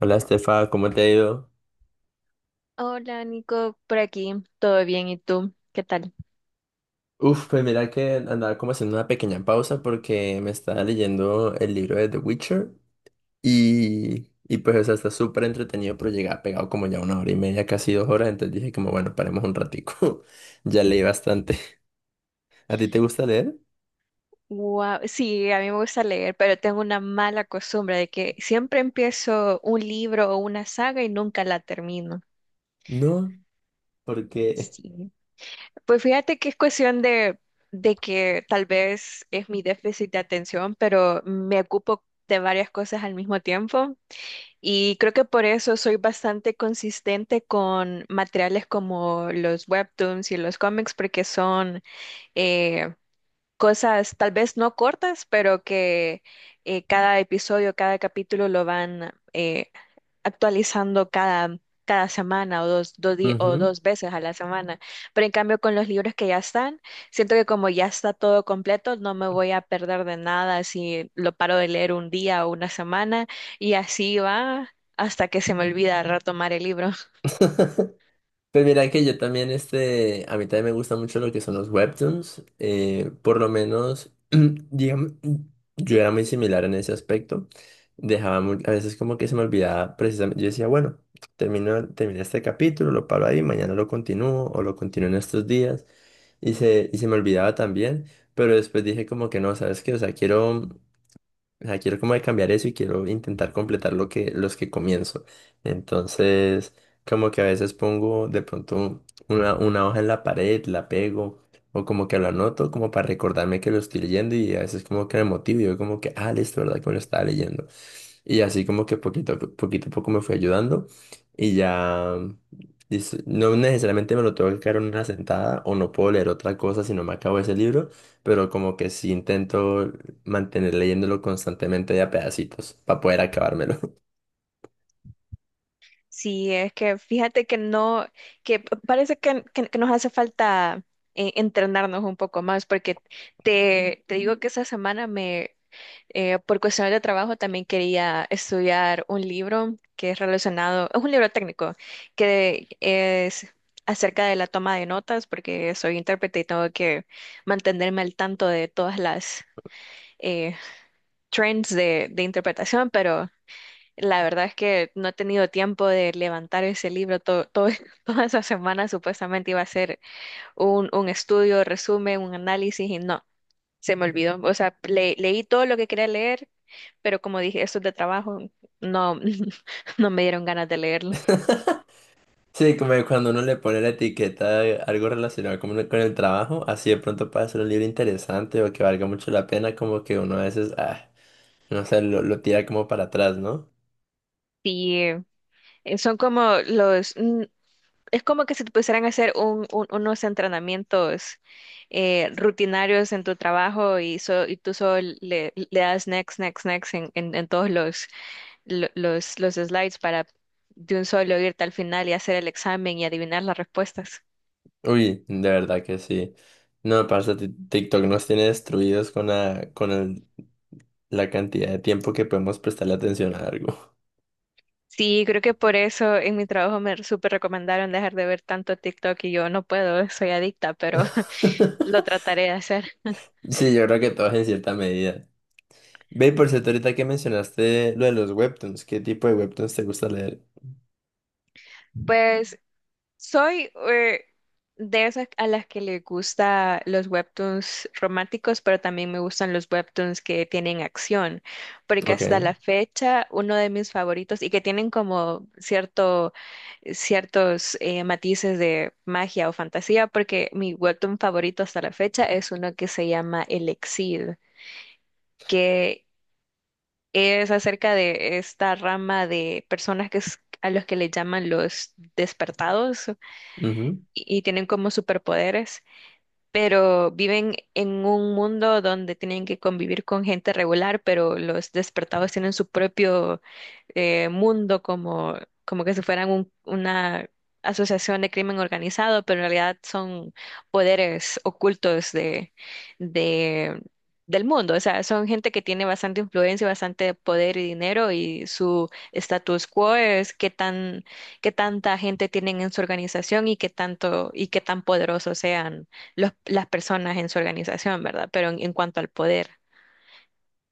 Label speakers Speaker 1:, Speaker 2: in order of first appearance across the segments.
Speaker 1: Hola Estefa, ¿cómo te ha ido?
Speaker 2: Hola Nico, por aquí, todo bien, ¿y tú? ¿Qué tal?
Speaker 1: Uf, pues mira que andaba como haciendo una pequeña pausa porque me estaba leyendo el libro de The Witcher y pues o sea, está súper entretenido, pero llegaba pegado como ya 1 hora y media, casi 2 horas, entonces dije como bueno, paremos un ratico. Ya leí bastante. ¿A ti te gusta leer?
Speaker 2: Wow, sí, a mí me gusta leer, pero tengo una mala costumbre de que siempre empiezo un libro o una saga y nunca la termino.
Speaker 1: No, porque...
Speaker 2: Sí. Pues fíjate que es cuestión de que tal vez es mi déficit de atención, pero me ocupo de varias cosas al mismo tiempo y creo que por eso soy bastante consistente con materiales como los webtoons y los cómics porque son... eh, cosas tal vez no cortas, pero que cada episodio, cada capítulo lo van actualizando cada semana o dos, o
Speaker 1: Ujú.
Speaker 2: dos veces a la semana. Pero en cambio con los libros que ya están, siento que como ya está todo completo, no me voy a perder de nada si lo paro de leer un día o una semana y así va hasta que se me olvida retomar el libro.
Speaker 1: Pues mira que yo también, este, a mí también me gusta mucho lo que son los webtoons, por lo menos, digamos, yo era muy similar en ese aspecto, dejaba a veces como que se me olvidaba precisamente, yo decía, bueno, terminé este capítulo, lo paro ahí, mañana lo continúo o lo continúo en estos días, y se me olvidaba también, pero después dije como que no, ¿sabes qué? O sea, quiero como de cambiar eso y quiero intentar completar lo que, los que comienzo. Entonces, como que a veces pongo de pronto una hoja en la pared, la pego, o como que lo anoto como para recordarme que lo estoy leyendo y a veces como que me motivo y digo como que, ah, listo, ¿verdad? Que me lo estaba leyendo. Y así como que poquito a poco me fue ayudando y ya dice, no necesariamente me lo tengo que caer en una sentada o no puedo leer otra cosa si no me acabo ese libro, pero como que sí intento mantener leyéndolo constantemente de a pedacitos para poder acabármelo.
Speaker 2: Sí, es que fíjate que no, que parece que, que nos hace falta entrenarnos un poco más, porque te digo que esa semana por cuestiones de trabajo, también quería estudiar un libro que es relacionado, es un libro técnico, que es acerca de la toma de notas, porque soy intérprete y tengo que mantenerme al tanto de todas las eh, trends de interpretación, la verdad es que no he tenido tiempo de levantar ese libro. Toda esa semana supuestamente iba a ser un estudio, resumen, un análisis y no, se me olvidó. O sea, leí todo lo que quería leer, pero como dije, esto es de trabajo, no, no me dieron ganas de leerlo.
Speaker 1: Sí, como que cuando uno le pone la etiqueta de algo relacionado con el trabajo, así de pronto puede ser un libro interesante o que valga mucho la pena, como que uno a veces, ah, no sé, lo tira como para atrás, ¿no?
Speaker 2: Y son como es como que si te pusieran a hacer unos entrenamientos rutinarios en tu trabajo y, y tú solo le das next, next, next en, en todos los los slides para de un solo irte al final y hacer el examen y adivinar las respuestas.
Speaker 1: Uy, de verdad que sí. No, parce, TikTok nos tiene destruidos con la cantidad de tiempo que podemos prestarle atención a algo.
Speaker 2: Sí, creo que por eso en mi trabajo me súper recomendaron dejar de ver tanto TikTok y yo no puedo, soy adicta, pero lo trataré de hacer.
Speaker 1: Sí, yo creo que todos en cierta medida. Ve, y por cierto, ahorita que mencionaste lo de los webtoons, ¿qué tipo de webtoons te gusta leer?
Speaker 2: Pues soy de esas a las que le gusta los webtoons románticos, pero también me gustan los webtoons que tienen acción, porque hasta
Speaker 1: Ok.
Speaker 2: la fecha uno de mis favoritos y que tienen como cierto, ciertos matices de magia o fantasía, porque mi webtoon favorito hasta la fecha es uno que se llama El Exil, que es acerca de esta rama de personas a los que le llaman los despertados
Speaker 1: Ujú.
Speaker 2: y tienen como superpoderes pero viven en un mundo donde tienen que convivir con gente regular, pero los despertados tienen su propio mundo como, como que si fueran una asociación de crimen organizado, pero en realidad son poderes ocultos de, del mundo. O sea, son gente que tiene bastante influencia, bastante poder y dinero y su status quo es qué tan, qué tanta gente tienen en su organización y qué tanto y qué tan poderosos sean las personas en su organización, ¿verdad? Pero en cuanto al poder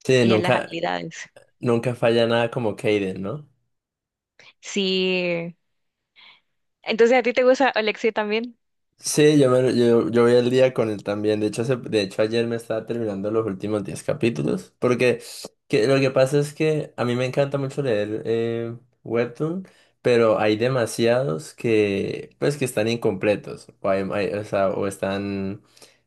Speaker 1: Sí,
Speaker 2: y a las habilidades.
Speaker 1: nunca falla nada como Kaden, ¿no?
Speaker 2: Sí. Entonces, ¿a ti te gusta Alexei también?
Speaker 1: Sí, yo voy al día con él también. De hecho, ayer me estaba terminando los últimos 10 capítulos. Lo que pasa es que a mí me encanta mucho leer webtoon, pero hay demasiados que, pues, que están incompletos. O, o sea, o están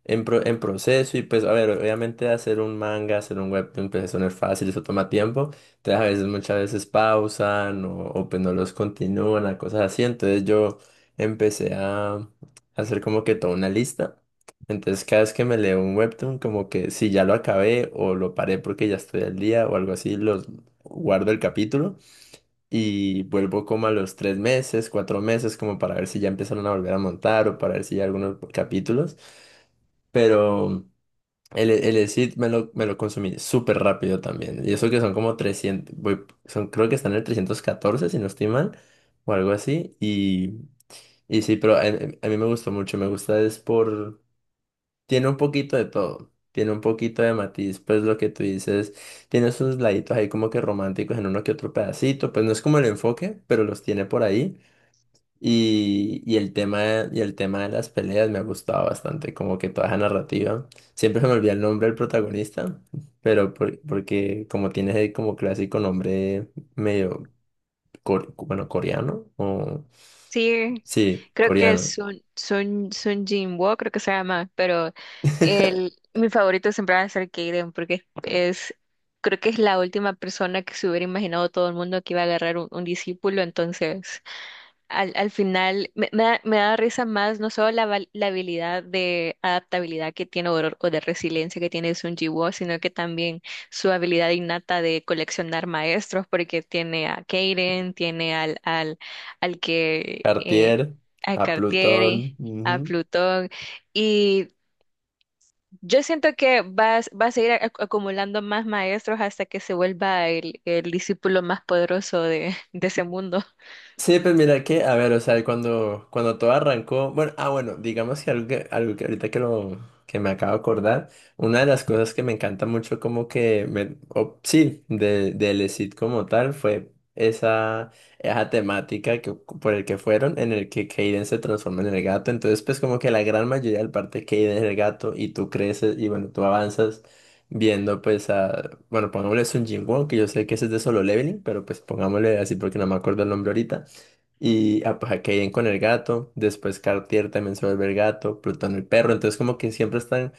Speaker 1: en, en proceso. Y pues, a ver, obviamente hacer un manga, hacer un webtoon, pues eso no es fácil, eso toma tiempo. Entonces, a veces, muchas veces pausan o pues no los continúan, a cosas así. Entonces yo empecé a hacer como que toda una lista. Entonces, cada vez que me leo un webtoon, como que si ya lo acabé o lo paré porque ya estoy al día o algo así, los guardo el capítulo y vuelvo como a los 3 meses, 4 meses, como para ver si ya empezaron a volver a montar o para ver si hay algunos capítulos. Pero el Exit me me lo consumí súper rápido también. Y eso que son como son, creo que están en el 314 si no estoy mal, o algo así. Y sí, pero a mí me gustó mucho, me gusta es por... Tiene un poquito de todo, tiene un poquito de matiz, pues lo que tú dices, tiene sus laditos ahí como que románticos en uno que otro pedacito, pues no es como el enfoque, pero los tiene por ahí. Y el tema de las peleas me ha gustado bastante, como que toda esa narrativa. Siempre se me olvida el nombre del protagonista, pero porque como tiene ese como clásico nombre medio, cor bueno, coreano, o...
Speaker 2: Sí.
Speaker 1: Sí,
Speaker 2: Creo que es
Speaker 1: coreano.
Speaker 2: Sun Jinwoo, creo que se llama, pero el, mi favorito siempre va a ser Kaiden porque es, creo que es la última persona que se hubiera imaginado todo el mundo que iba a agarrar un discípulo, entonces al final me da risa más no solo la habilidad de adaptabilidad que tiene Aurora o de resiliencia que tiene Sun Ji-woo, sino que también su habilidad innata de coleccionar maestros, porque tiene a Kaden, tiene al que
Speaker 1: Cartier,
Speaker 2: a
Speaker 1: a
Speaker 2: Cartier,
Speaker 1: Plutón.
Speaker 2: a
Speaker 1: Ujú.
Speaker 2: Plutón, y yo siento que va, va a seguir acumulando más maestros hasta que se vuelva el discípulo más poderoso de ese mundo.
Speaker 1: Sí, pues mira que, a ver, o sea, cuando todo arrancó, bueno, ah, bueno, digamos que algo que ahorita que lo, que me acabo de acordar, una de las cosas que me encanta mucho como que, me, o- sí, de, del ESID como tal, fue esa temática que, por el que fueron, en el que Kaden se transforma en el gato, entonces pues como que la gran mayoría del parte Kaden es el gato, y tú creces, y bueno, tú avanzas, viendo pues a, bueno, pongámosle Sun Jin Won, que yo sé que ese es de Solo Leveling, pero pues pongámosle así porque no me acuerdo el nombre ahorita. Y ah, pues, Kaiden con el gato, después Cartier también se vuelve el gato, Plutón el perro, entonces como que siempre están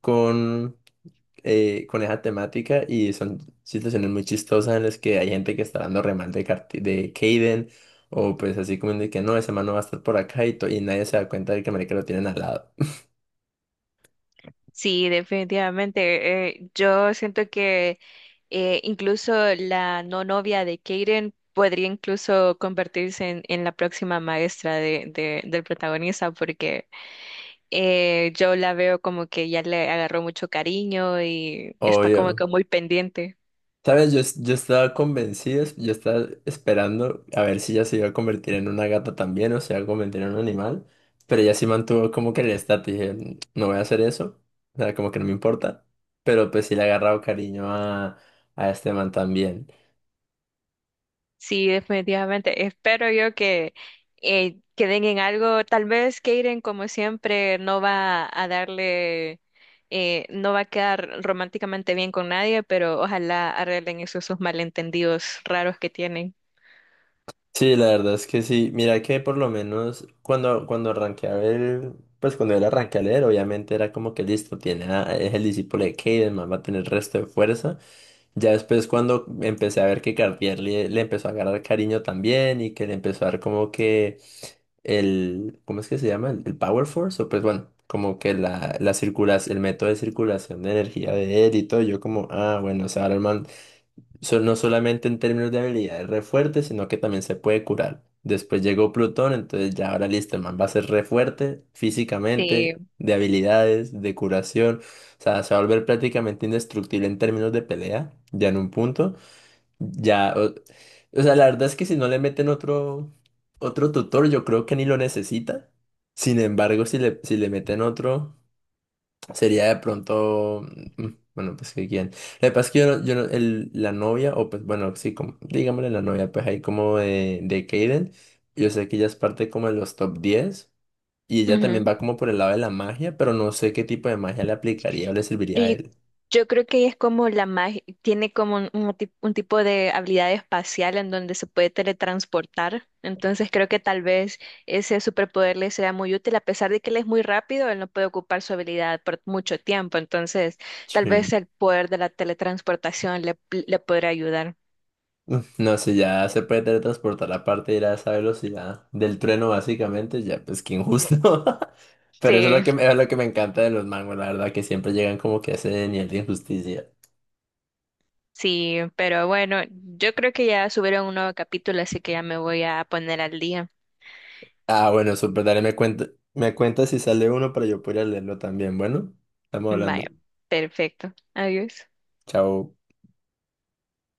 Speaker 1: con, con esa temática y son situaciones muy chistosas en las que hay gente que está dando remal de, de Kaiden o pues así como de que no, ese man no va a estar por acá y, y nadie se da cuenta de que marica lo tienen al lado.
Speaker 2: Sí, definitivamente. Yo siento que incluso la no novia de Kaden podría incluso convertirse en la próxima maestra de, del protagonista porque yo la veo como que ya le agarró mucho cariño y está como
Speaker 1: Obvio.
Speaker 2: que muy pendiente.
Speaker 1: Sabes, yo estaba convencido, yo estaba esperando a ver si ella se iba a convertir en una gata también o se iba a convertir en un animal, pero ella sí mantuvo como que el estatus, dije, "Mm, no voy a hacer eso, o sea, como que no me importa, pero pues sí le ha agarrado cariño a este man también.
Speaker 2: Sí, definitivamente. Espero yo que queden en algo. Tal vez Kaden, como siempre, no va a darle, no va a quedar románticamente bien con nadie, pero ojalá arreglen esos, esos malentendidos raros que tienen.
Speaker 1: Sí, la verdad es que sí. Mira que por lo menos cuando, cuando arranqué a ver, pues cuando él arranqué a leer, obviamente era como que listo, tiene es el discípulo de Caden, más va a tener resto de fuerza. Ya después cuando empecé a ver que Cartier le empezó a agarrar cariño también y que le empezó a dar como que el, ¿cómo es que se llama? El Power Force, o pues bueno, como que la circulación, el método de circulación de energía de él y todo, yo como, ah, bueno, o sea, ahora el man no solamente en términos de habilidad es re fuerte, sino que también se puede curar. Después llegó Plutón, entonces ya ahora listo, el man va a ser re fuerte
Speaker 2: Sí.
Speaker 1: físicamente, de habilidades, de curación. O sea, se va a volver prácticamente indestructible en términos de pelea, ya en un punto. Ya, o sea, la verdad es que si no le meten otro tutor, yo creo que ni lo necesita. Sin embargo, si le meten otro. Sería de pronto, mm, bueno, pues que quién. Lo que pasa es que yo, no- yo no- el, la novia, o pues bueno, sí, como, digámosle la novia, pues ahí como de Kaden, yo sé que ella es parte como de los top 10 y ella también va como por el lado de la magia, pero no sé qué tipo de magia le aplicaría o le serviría
Speaker 2: Pero
Speaker 1: a él.
Speaker 2: Yo creo que es como la magia, tiene como un, un tipo de habilidad espacial en donde se puede teletransportar. Entonces creo que tal vez ese superpoder le sea muy útil, a pesar de que él es muy rápido, él no puede ocupar su habilidad por mucho tiempo. Entonces tal vez
Speaker 1: Sí.
Speaker 2: el poder de la teletransportación le podría ayudar.
Speaker 1: Uf, no, si ya se puede teletransportar aparte de ir a esa velocidad del trueno, básicamente, ya, pues qué injusto. Pero eso es
Speaker 2: Sí,
Speaker 1: lo que es lo que me encanta de los mangos, la verdad, que siempre llegan como que a ese nivel de injusticia.
Speaker 2: sí, pero bueno, yo creo que ya subieron un nuevo capítulo, así que ya me voy a poner al día.
Speaker 1: Ah, bueno, súper, dale, me cuenta si sale uno para yo poder leerlo también. Bueno, estamos hablando.
Speaker 2: Vaya, perfecto. Adiós.
Speaker 1: Chao.